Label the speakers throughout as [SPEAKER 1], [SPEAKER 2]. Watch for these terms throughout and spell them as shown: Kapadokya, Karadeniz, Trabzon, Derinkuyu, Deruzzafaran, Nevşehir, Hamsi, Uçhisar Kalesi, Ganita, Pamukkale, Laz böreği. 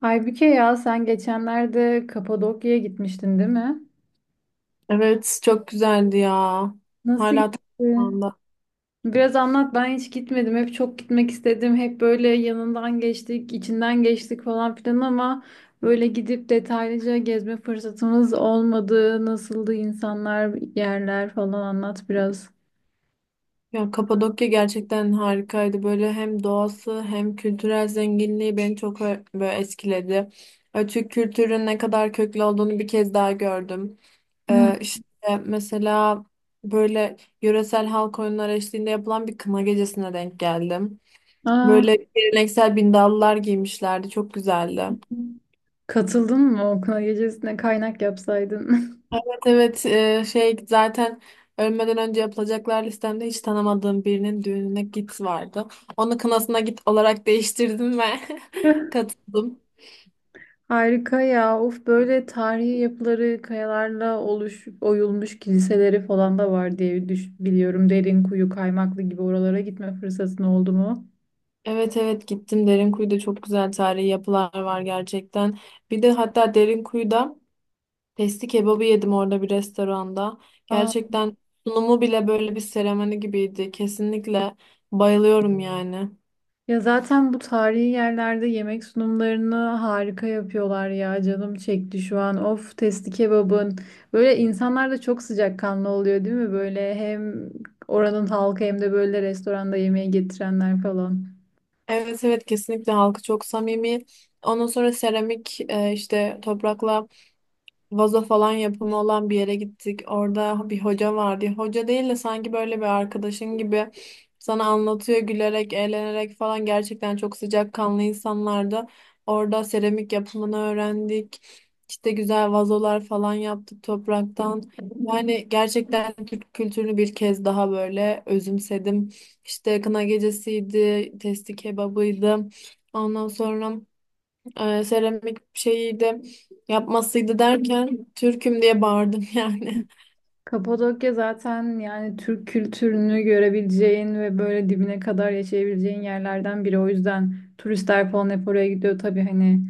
[SPEAKER 1] Halbuki ya sen geçenlerde Kapadokya'ya gitmiştin değil mi?
[SPEAKER 2] Evet, çok güzeldi ya.
[SPEAKER 1] Nasıl
[SPEAKER 2] Hala
[SPEAKER 1] gitti?
[SPEAKER 2] aklımda.
[SPEAKER 1] Biraz anlat ben hiç gitmedim. Hep çok gitmek istedim. Hep böyle yanından geçtik, içinden geçtik falan filan ama böyle gidip detaylıca gezme fırsatımız olmadı. Nasıldı insanlar, yerler falan anlat biraz.
[SPEAKER 2] Ya Kapadokya gerçekten harikaydı. Böyle hem doğası hem kültürel zenginliği beni çok böyle etkiledi. Türk kültürünün ne kadar köklü olduğunu bir kez daha gördüm.
[SPEAKER 1] Hı.
[SPEAKER 2] İşte mesela böyle yöresel halk oyunları eşliğinde yapılan bir kına gecesine denk geldim.
[SPEAKER 1] Aa,
[SPEAKER 2] Böyle geleneksel bindallılar giymişlerdi. Çok güzeldi.
[SPEAKER 1] katıldın mı okula gecesine kaynak yapsaydın?
[SPEAKER 2] Evet, şey zaten ölmeden önce yapılacaklar listemde hiç tanımadığım birinin düğününe git vardı. Onu kınasına git olarak değiştirdim ve katıldım.
[SPEAKER 1] Harika ya. Of böyle tarihi yapıları kayalarla oyulmuş kiliseleri falan da var diye biliyorum. Derinkuyu, Kaymaklı gibi oralara gitme fırsatın oldu mu?
[SPEAKER 2] Evet, gittim Derinkuyu'da çok güzel tarihi yapılar var gerçekten. Bir de hatta Derinkuyu'da testi kebabı yedim orada bir restoranda.
[SPEAKER 1] Aa,
[SPEAKER 2] Gerçekten sunumu bile böyle bir seremoni gibiydi. Kesinlikle bayılıyorum yani.
[SPEAKER 1] ya zaten bu tarihi yerlerde yemek sunumlarını harika yapıyorlar ya. Canım çekti şu an. Of testi kebabın. Böyle insanlar da çok sıcakkanlı oluyor değil mi? Böyle hem oranın halkı hem de böyle restoranda yemeği getirenler falan.
[SPEAKER 2] Evet, kesinlikle halkı çok samimi. Ondan sonra seramik, işte toprakla vazo falan yapımı olan bir yere gittik. Orada bir hoca vardı. Hoca değil de sanki böyle bir arkadaşın gibi sana anlatıyor gülerek, eğlenerek falan. Gerçekten çok sıcakkanlı insanlardı. Orada seramik yapımını öğrendik. İşte güzel vazolar falan yaptık topraktan. Yani gerçekten Türk kültürünü bir kez daha böyle özümsedim. İşte kına gecesiydi, testi kebabıydı. Ondan sonra seramik şeyi de yapmasıydı derken Türk'üm diye bağırdım yani.
[SPEAKER 1] Kapadokya zaten yani Türk kültürünü görebileceğin ve böyle dibine kadar yaşayabileceğin yerlerden biri. O yüzden turistler falan hep oraya gidiyor. Tabii hani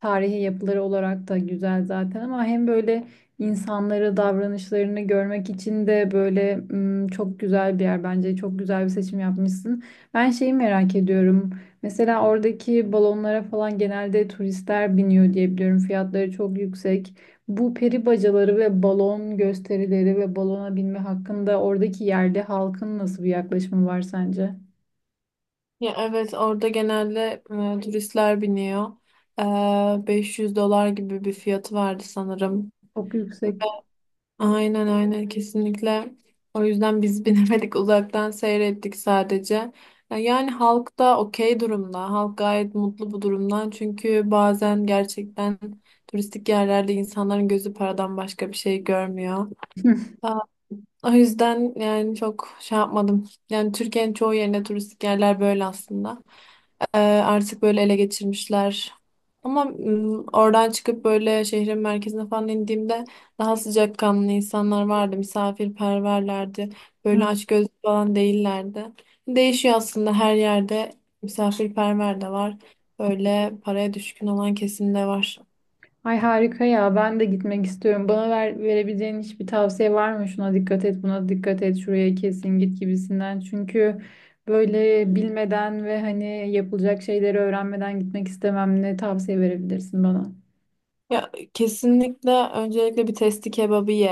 [SPEAKER 1] tarihi yapıları olarak da güzel zaten ama hem böyle insanları, davranışlarını görmek için de böyle çok güzel bir yer bence. Çok güzel bir seçim yapmışsın. Ben şeyi merak ediyorum. Mesela oradaki balonlara falan genelde turistler biniyor diye biliyorum. Fiyatları çok yüksek. Bu peri bacaları ve balon gösterileri ve balona binme hakkında oradaki yerli halkın nasıl bir yaklaşımı var sence?
[SPEAKER 2] Ya evet orada genelde turistler biniyor. 500 dolar gibi bir fiyatı vardı sanırım.
[SPEAKER 1] Çok
[SPEAKER 2] Ve
[SPEAKER 1] yüksek.
[SPEAKER 2] aynen, aynen, kesinlikle. O yüzden biz binemedik uzaktan seyrettik sadece. Yani halk da okey durumda. Halk gayet mutlu bu durumdan. Çünkü bazen gerçekten turistik yerlerde insanların gözü paradan başka bir şey görmüyor. Ee, O yüzden yani çok şey yapmadım. Yani Türkiye'nin çoğu yerinde turistik yerler böyle aslında. Artık böyle ele geçirmişler. Ama oradan çıkıp böyle şehrin merkezine falan indiğimde daha sıcakkanlı insanlar vardı. Misafirperverlerdi. Böyle açgözlü falan değillerdi. Değişiyor aslında her yerde. Misafirperver de var. Böyle paraya düşkün olan kesim de var.
[SPEAKER 1] Ay harika ya ben de gitmek istiyorum. Bana verebileceğin hiçbir tavsiye var mı? Şuna dikkat et, buna dikkat et, şuraya kesin git gibisinden. Çünkü böyle bilmeden ve hani yapılacak şeyleri öğrenmeden gitmek istemem. Ne tavsiye verebilirsin bana?
[SPEAKER 2] Ya kesinlikle öncelikle bir testi kebabı ye.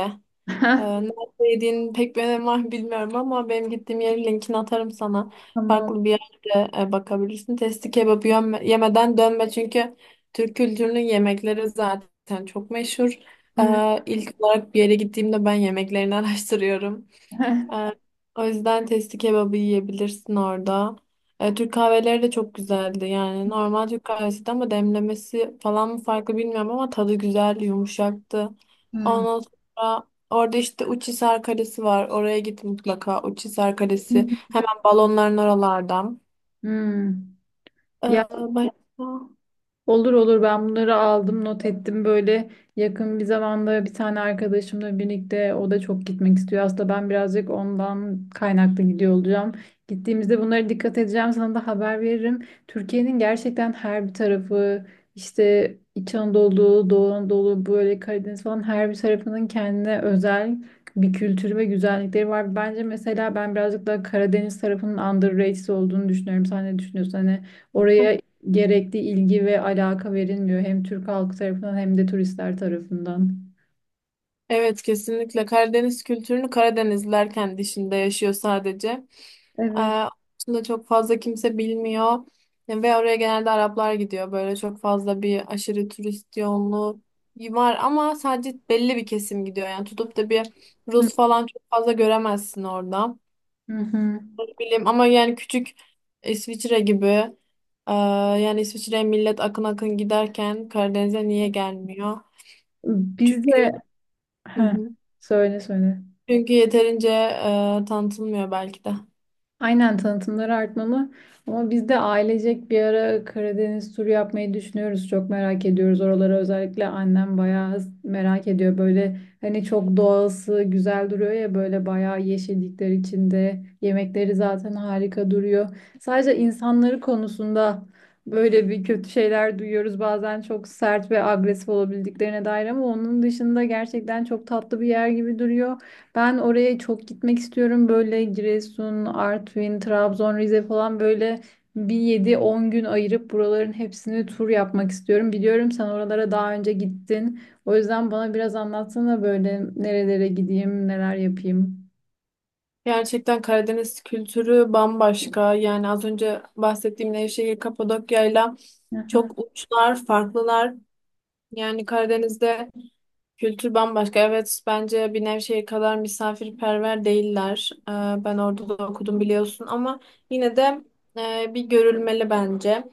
[SPEAKER 2] Nerede yediğinin pek bir önemi var bilmiyorum ama benim gittiğim yerin linkini atarım sana.
[SPEAKER 1] Tamam.
[SPEAKER 2] Farklı bir yerde bakabilirsin. Testi kebabı yemeden dönme çünkü Türk kültürünün yemekleri zaten çok meşhur.
[SPEAKER 1] Evet.
[SPEAKER 2] İlk olarak bir yere gittiğimde ben yemeklerini araştırıyorum. Ee, O yüzden testi kebabı yiyebilirsin orada. Türk kahveleri de çok güzeldi. Yani normal Türk kahvesi de ama demlemesi falan mı farklı bilmiyorum ama tadı güzeldi, yumuşaktı.
[SPEAKER 1] Hmm.
[SPEAKER 2] Ondan sonra orada işte Uçhisar Kalesi var. Oraya git mutlaka. Uçhisar Kalesi hemen balonların oralardan.
[SPEAKER 1] Hmm.
[SPEAKER 2] Ee, başka?
[SPEAKER 1] Olur olur, ben bunları aldım not ettim, böyle yakın bir zamanda bir tane arkadaşımla birlikte o da çok gitmek istiyor. Aslında ben birazcık ondan kaynaklı gidiyor olacağım. Gittiğimizde bunlara dikkat edeceğim, sana da haber veririm. Türkiye'nin gerçekten her bir tarafı, işte İç Anadolu, Doğu Anadolu böyle Karadeniz falan, her bir tarafının kendine özel bir kültürü ve güzellikleri var. Bence mesela ben birazcık daha Karadeniz tarafının underrated olduğunu düşünüyorum. Sen ne düşünüyorsun? Hani oraya gerekli ilgi ve alaka verilmiyor hem Türk halkı tarafından hem de turistler tarafından.
[SPEAKER 2] Evet kesinlikle Karadeniz kültürünü Karadenizliler kendi içinde yaşıyor sadece. Ee,
[SPEAKER 1] Evet.
[SPEAKER 2] aslında çok fazla kimse bilmiyor ve oraya genelde Araplar gidiyor. Böyle çok fazla bir aşırı turist yoğunluğu var ama sadece belli bir kesim gidiyor. Yani tutup da bir Rus falan çok fazla göremezsin orada.
[SPEAKER 1] Hı hı.
[SPEAKER 2] Ne bileyim ama yani küçük İsviçre gibi, yani İsviçre'ye millet akın akın giderken Karadeniz'e niye gelmiyor?
[SPEAKER 1] Biz de.
[SPEAKER 2] Çünkü
[SPEAKER 1] Heh, söyle söyle.
[SPEAKER 2] çünkü yeterince tanıtılmıyor belki de.
[SPEAKER 1] Aynen, tanıtımları artmalı. Ama biz de ailecek bir ara Karadeniz turu yapmayı düşünüyoruz. Çok merak ediyoruz oraları. Özellikle annem bayağı merak ediyor. Böyle hani çok doğası güzel duruyor ya, böyle bayağı yeşillikler içinde. Yemekleri zaten harika duruyor. Sadece insanları konusunda böyle bir kötü şeyler duyuyoruz. Bazen çok sert ve agresif olabildiklerine dair, ama onun dışında gerçekten çok tatlı bir yer gibi duruyor. Ben oraya çok gitmek istiyorum. Böyle Giresun, Artvin, Trabzon, Rize falan, böyle bir 7-10 gün ayırıp buraların hepsini tur yapmak istiyorum. Biliyorum sen oralara daha önce gittin. O yüzden bana biraz anlatsana, böyle nerelere gideyim, neler yapayım.
[SPEAKER 2] Gerçekten Karadeniz kültürü bambaşka. Yani az önce bahsettiğim Nevşehir, Kapadokya'yla
[SPEAKER 1] Aha.
[SPEAKER 2] çok uçlar, farklılar. Yani Karadeniz'de kültür bambaşka. Evet, bence bir Nevşehir kadar misafirperver değiller. Ben orada da okudum biliyorsun ama yine de bir görülmeli bence.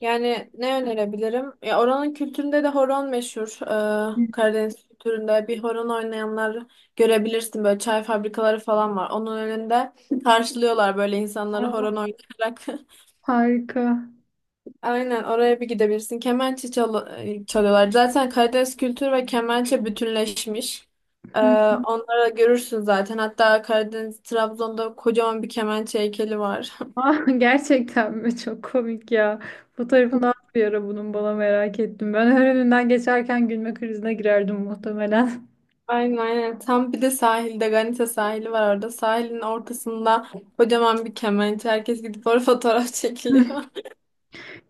[SPEAKER 2] Yani ne önerebilirim? Ya oranın kültüründe de horon meşhur. Karadeniz kültüründe bir horon oynayanlar görebilirsin. Böyle çay fabrikaları falan var. Onun önünde karşılıyorlar böyle insanları
[SPEAKER 1] Aa,
[SPEAKER 2] horon oynayarak.
[SPEAKER 1] harika.
[SPEAKER 2] Aynen oraya bir gidebilirsin. Çalıyorlar. Zaten Karadeniz kültürü ve kemençe bütünleşmiş. Ee,
[SPEAKER 1] Hı.
[SPEAKER 2] onları görürsün zaten. Hatta Karadeniz Trabzon'da kocaman bir kemençe heykeli var.
[SPEAKER 1] Ah, gerçekten mi? Çok komik ya. Fotoğrafını at bir ara bunun, bana merak ettim. Ben her önünden geçerken gülme krizine girerdim muhtemelen.
[SPEAKER 2] Aynen, aynen. Tam bir de sahilde Ganita sahili var orada. Sahilin ortasında kocaman bir kemençe. Herkes gidip orada fotoğraf çekiliyor.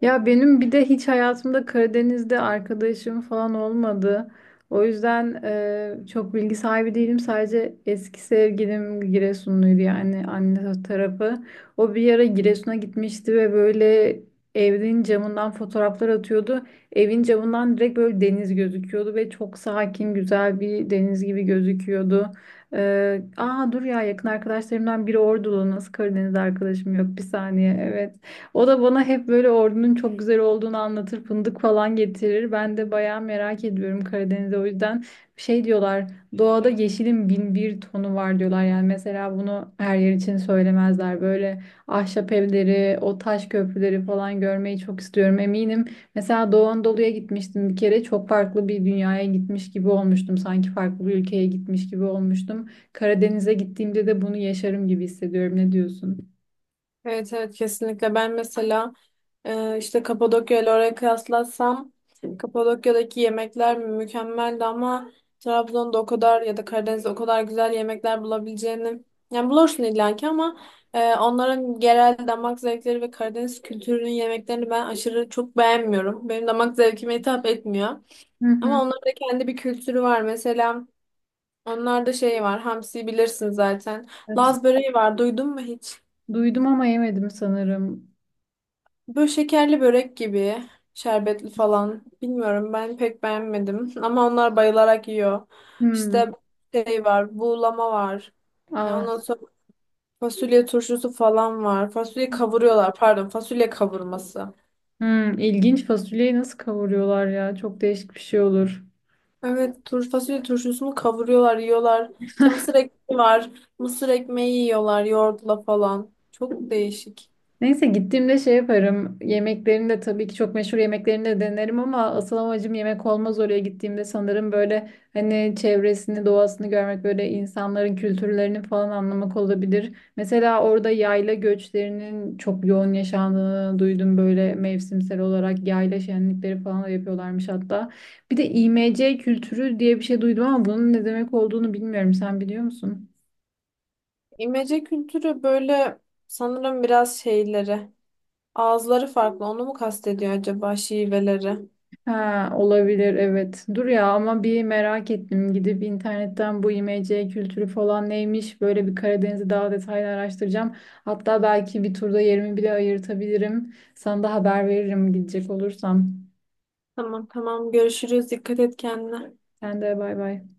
[SPEAKER 1] Ya benim bir de hiç hayatımda Karadeniz'de arkadaşım falan olmadı. O yüzden çok bilgi sahibi değilim. Sadece eski sevgilim Giresunluydu, yani anne tarafı. O bir ara Giresun'a gitmişti ve böyle evin camından fotoğraflar atıyordu. Evin camından direkt böyle deniz gözüküyordu ve çok sakin, güzel bir deniz gibi gözüküyordu. Aa, dur ya, yakın arkadaşlarımdan biri Ordulu. Nasıl Karadeniz arkadaşım yok? Bir saniye. Evet. O da bana hep böyle ordunun çok güzel olduğunu anlatır, fındık falan getirir. Ben de bayağı merak ediyorum Karadeniz'i. O yüzden şey diyorlar, doğada yeşilin bin bir tonu var diyorlar. Yani mesela bunu her yer için söylemezler. Böyle ahşap evleri, o taş köprüleri falan görmeyi çok istiyorum, eminim. Mesela Doğu Anadolu'ya gitmiştim bir kere. Çok farklı bir dünyaya gitmiş gibi olmuştum. Sanki farklı bir ülkeye gitmiş gibi olmuştum. Karadeniz'e gittiğimde de bunu yaşarım gibi hissediyorum. Ne diyorsun?
[SPEAKER 2] Evet, kesinlikle. Ben mesela işte Kapadokya ile oraya kıyaslatsam Kapadokya'daki yemekler mükemmeldi ama Trabzon'da o kadar ya da Karadeniz'de o kadar güzel yemekler bulabileceğini yani bulursun illaki ama onların genel damak zevkleri ve Karadeniz kültürünün yemeklerini ben aşırı çok beğenmiyorum. Benim damak zevkime hitap etmiyor.
[SPEAKER 1] Hı
[SPEAKER 2] Ama
[SPEAKER 1] hı.
[SPEAKER 2] onların da kendi bir kültürü var. Mesela onlarda şey var. Hamsi bilirsin zaten.
[SPEAKER 1] Evet.
[SPEAKER 2] Laz böreği var. Duydun mu hiç?
[SPEAKER 1] Duydum ama yemedim sanırım.
[SPEAKER 2] Böyle şekerli börek gibi. Şerbetli falan. Bilmiyorum ben pek beğenmedim. Ama onlar bayılarak yiyor.
[SPEAKER 1] Hmm.
[SPEAKER 2] İşte şey var. Buğulama var.
[SPEAKER 1] Aa.
[SPEAKER 2] Ondan sonra fasulye turşusu falan var. Fasulye kavuruyorlar. Pardon fasulye kavurması.
[SPEAKER 1] Hmm. İlginç, fasulyeyi nasıl kavuruyorlar ya? Çok değişik bir şey olur.
[SPEAKER 2] Evet, fasulye turşusunu kavuruyorlar, yiyorlar. İşte mısır ekmeği var. Mısır ekmeği yiyorlar yoğurtla falan. Çok değişik.
[SPEAKER 1] Neyse, gittiğimde şey yaparım. Yemeklerinde tabii ki çok meşhur yemeklerini de denerim, ama asıl amacım yemek olmaz oraya gittiğimde sanırım, böyle hani çevresini, doğasını görmek, böyle insanların kültürlerini falan anlamak olabilir. Mesela orada yayla göçlerinin çok yoğun yaşandığını duydum, böyle mevsimsel olarak yayla şenlikleri falan da yapıyorlarmış hatta. Bir de İMC kültürü diye bir şey duydum ama bunun ne demek olduğunu bilmiyorum. Sen biliyor musun?
[SPEAKER 2] İmece kültürü böyle sanırım biraz şeyleri. Ağızları farklı. Onu mu kastediyor acaba şiveleri?
[SPEAKER 1] Ha, olabilir, evet. Dur ya ama bir merak ettim. Gidip internetten bu IMC kültürü falan neymiş, böyle bir Karadeniz'i daha detaylı araştıracağım. Hatta belki bir turda yerimi bile ayırtabilirim. Sana da haber veririm gidecek olursam.
[SPEAKER 2] Tamam, tamam, görüşürüz. Dikkat et kendine.
[SPEAKER 1] Sen de bay bay.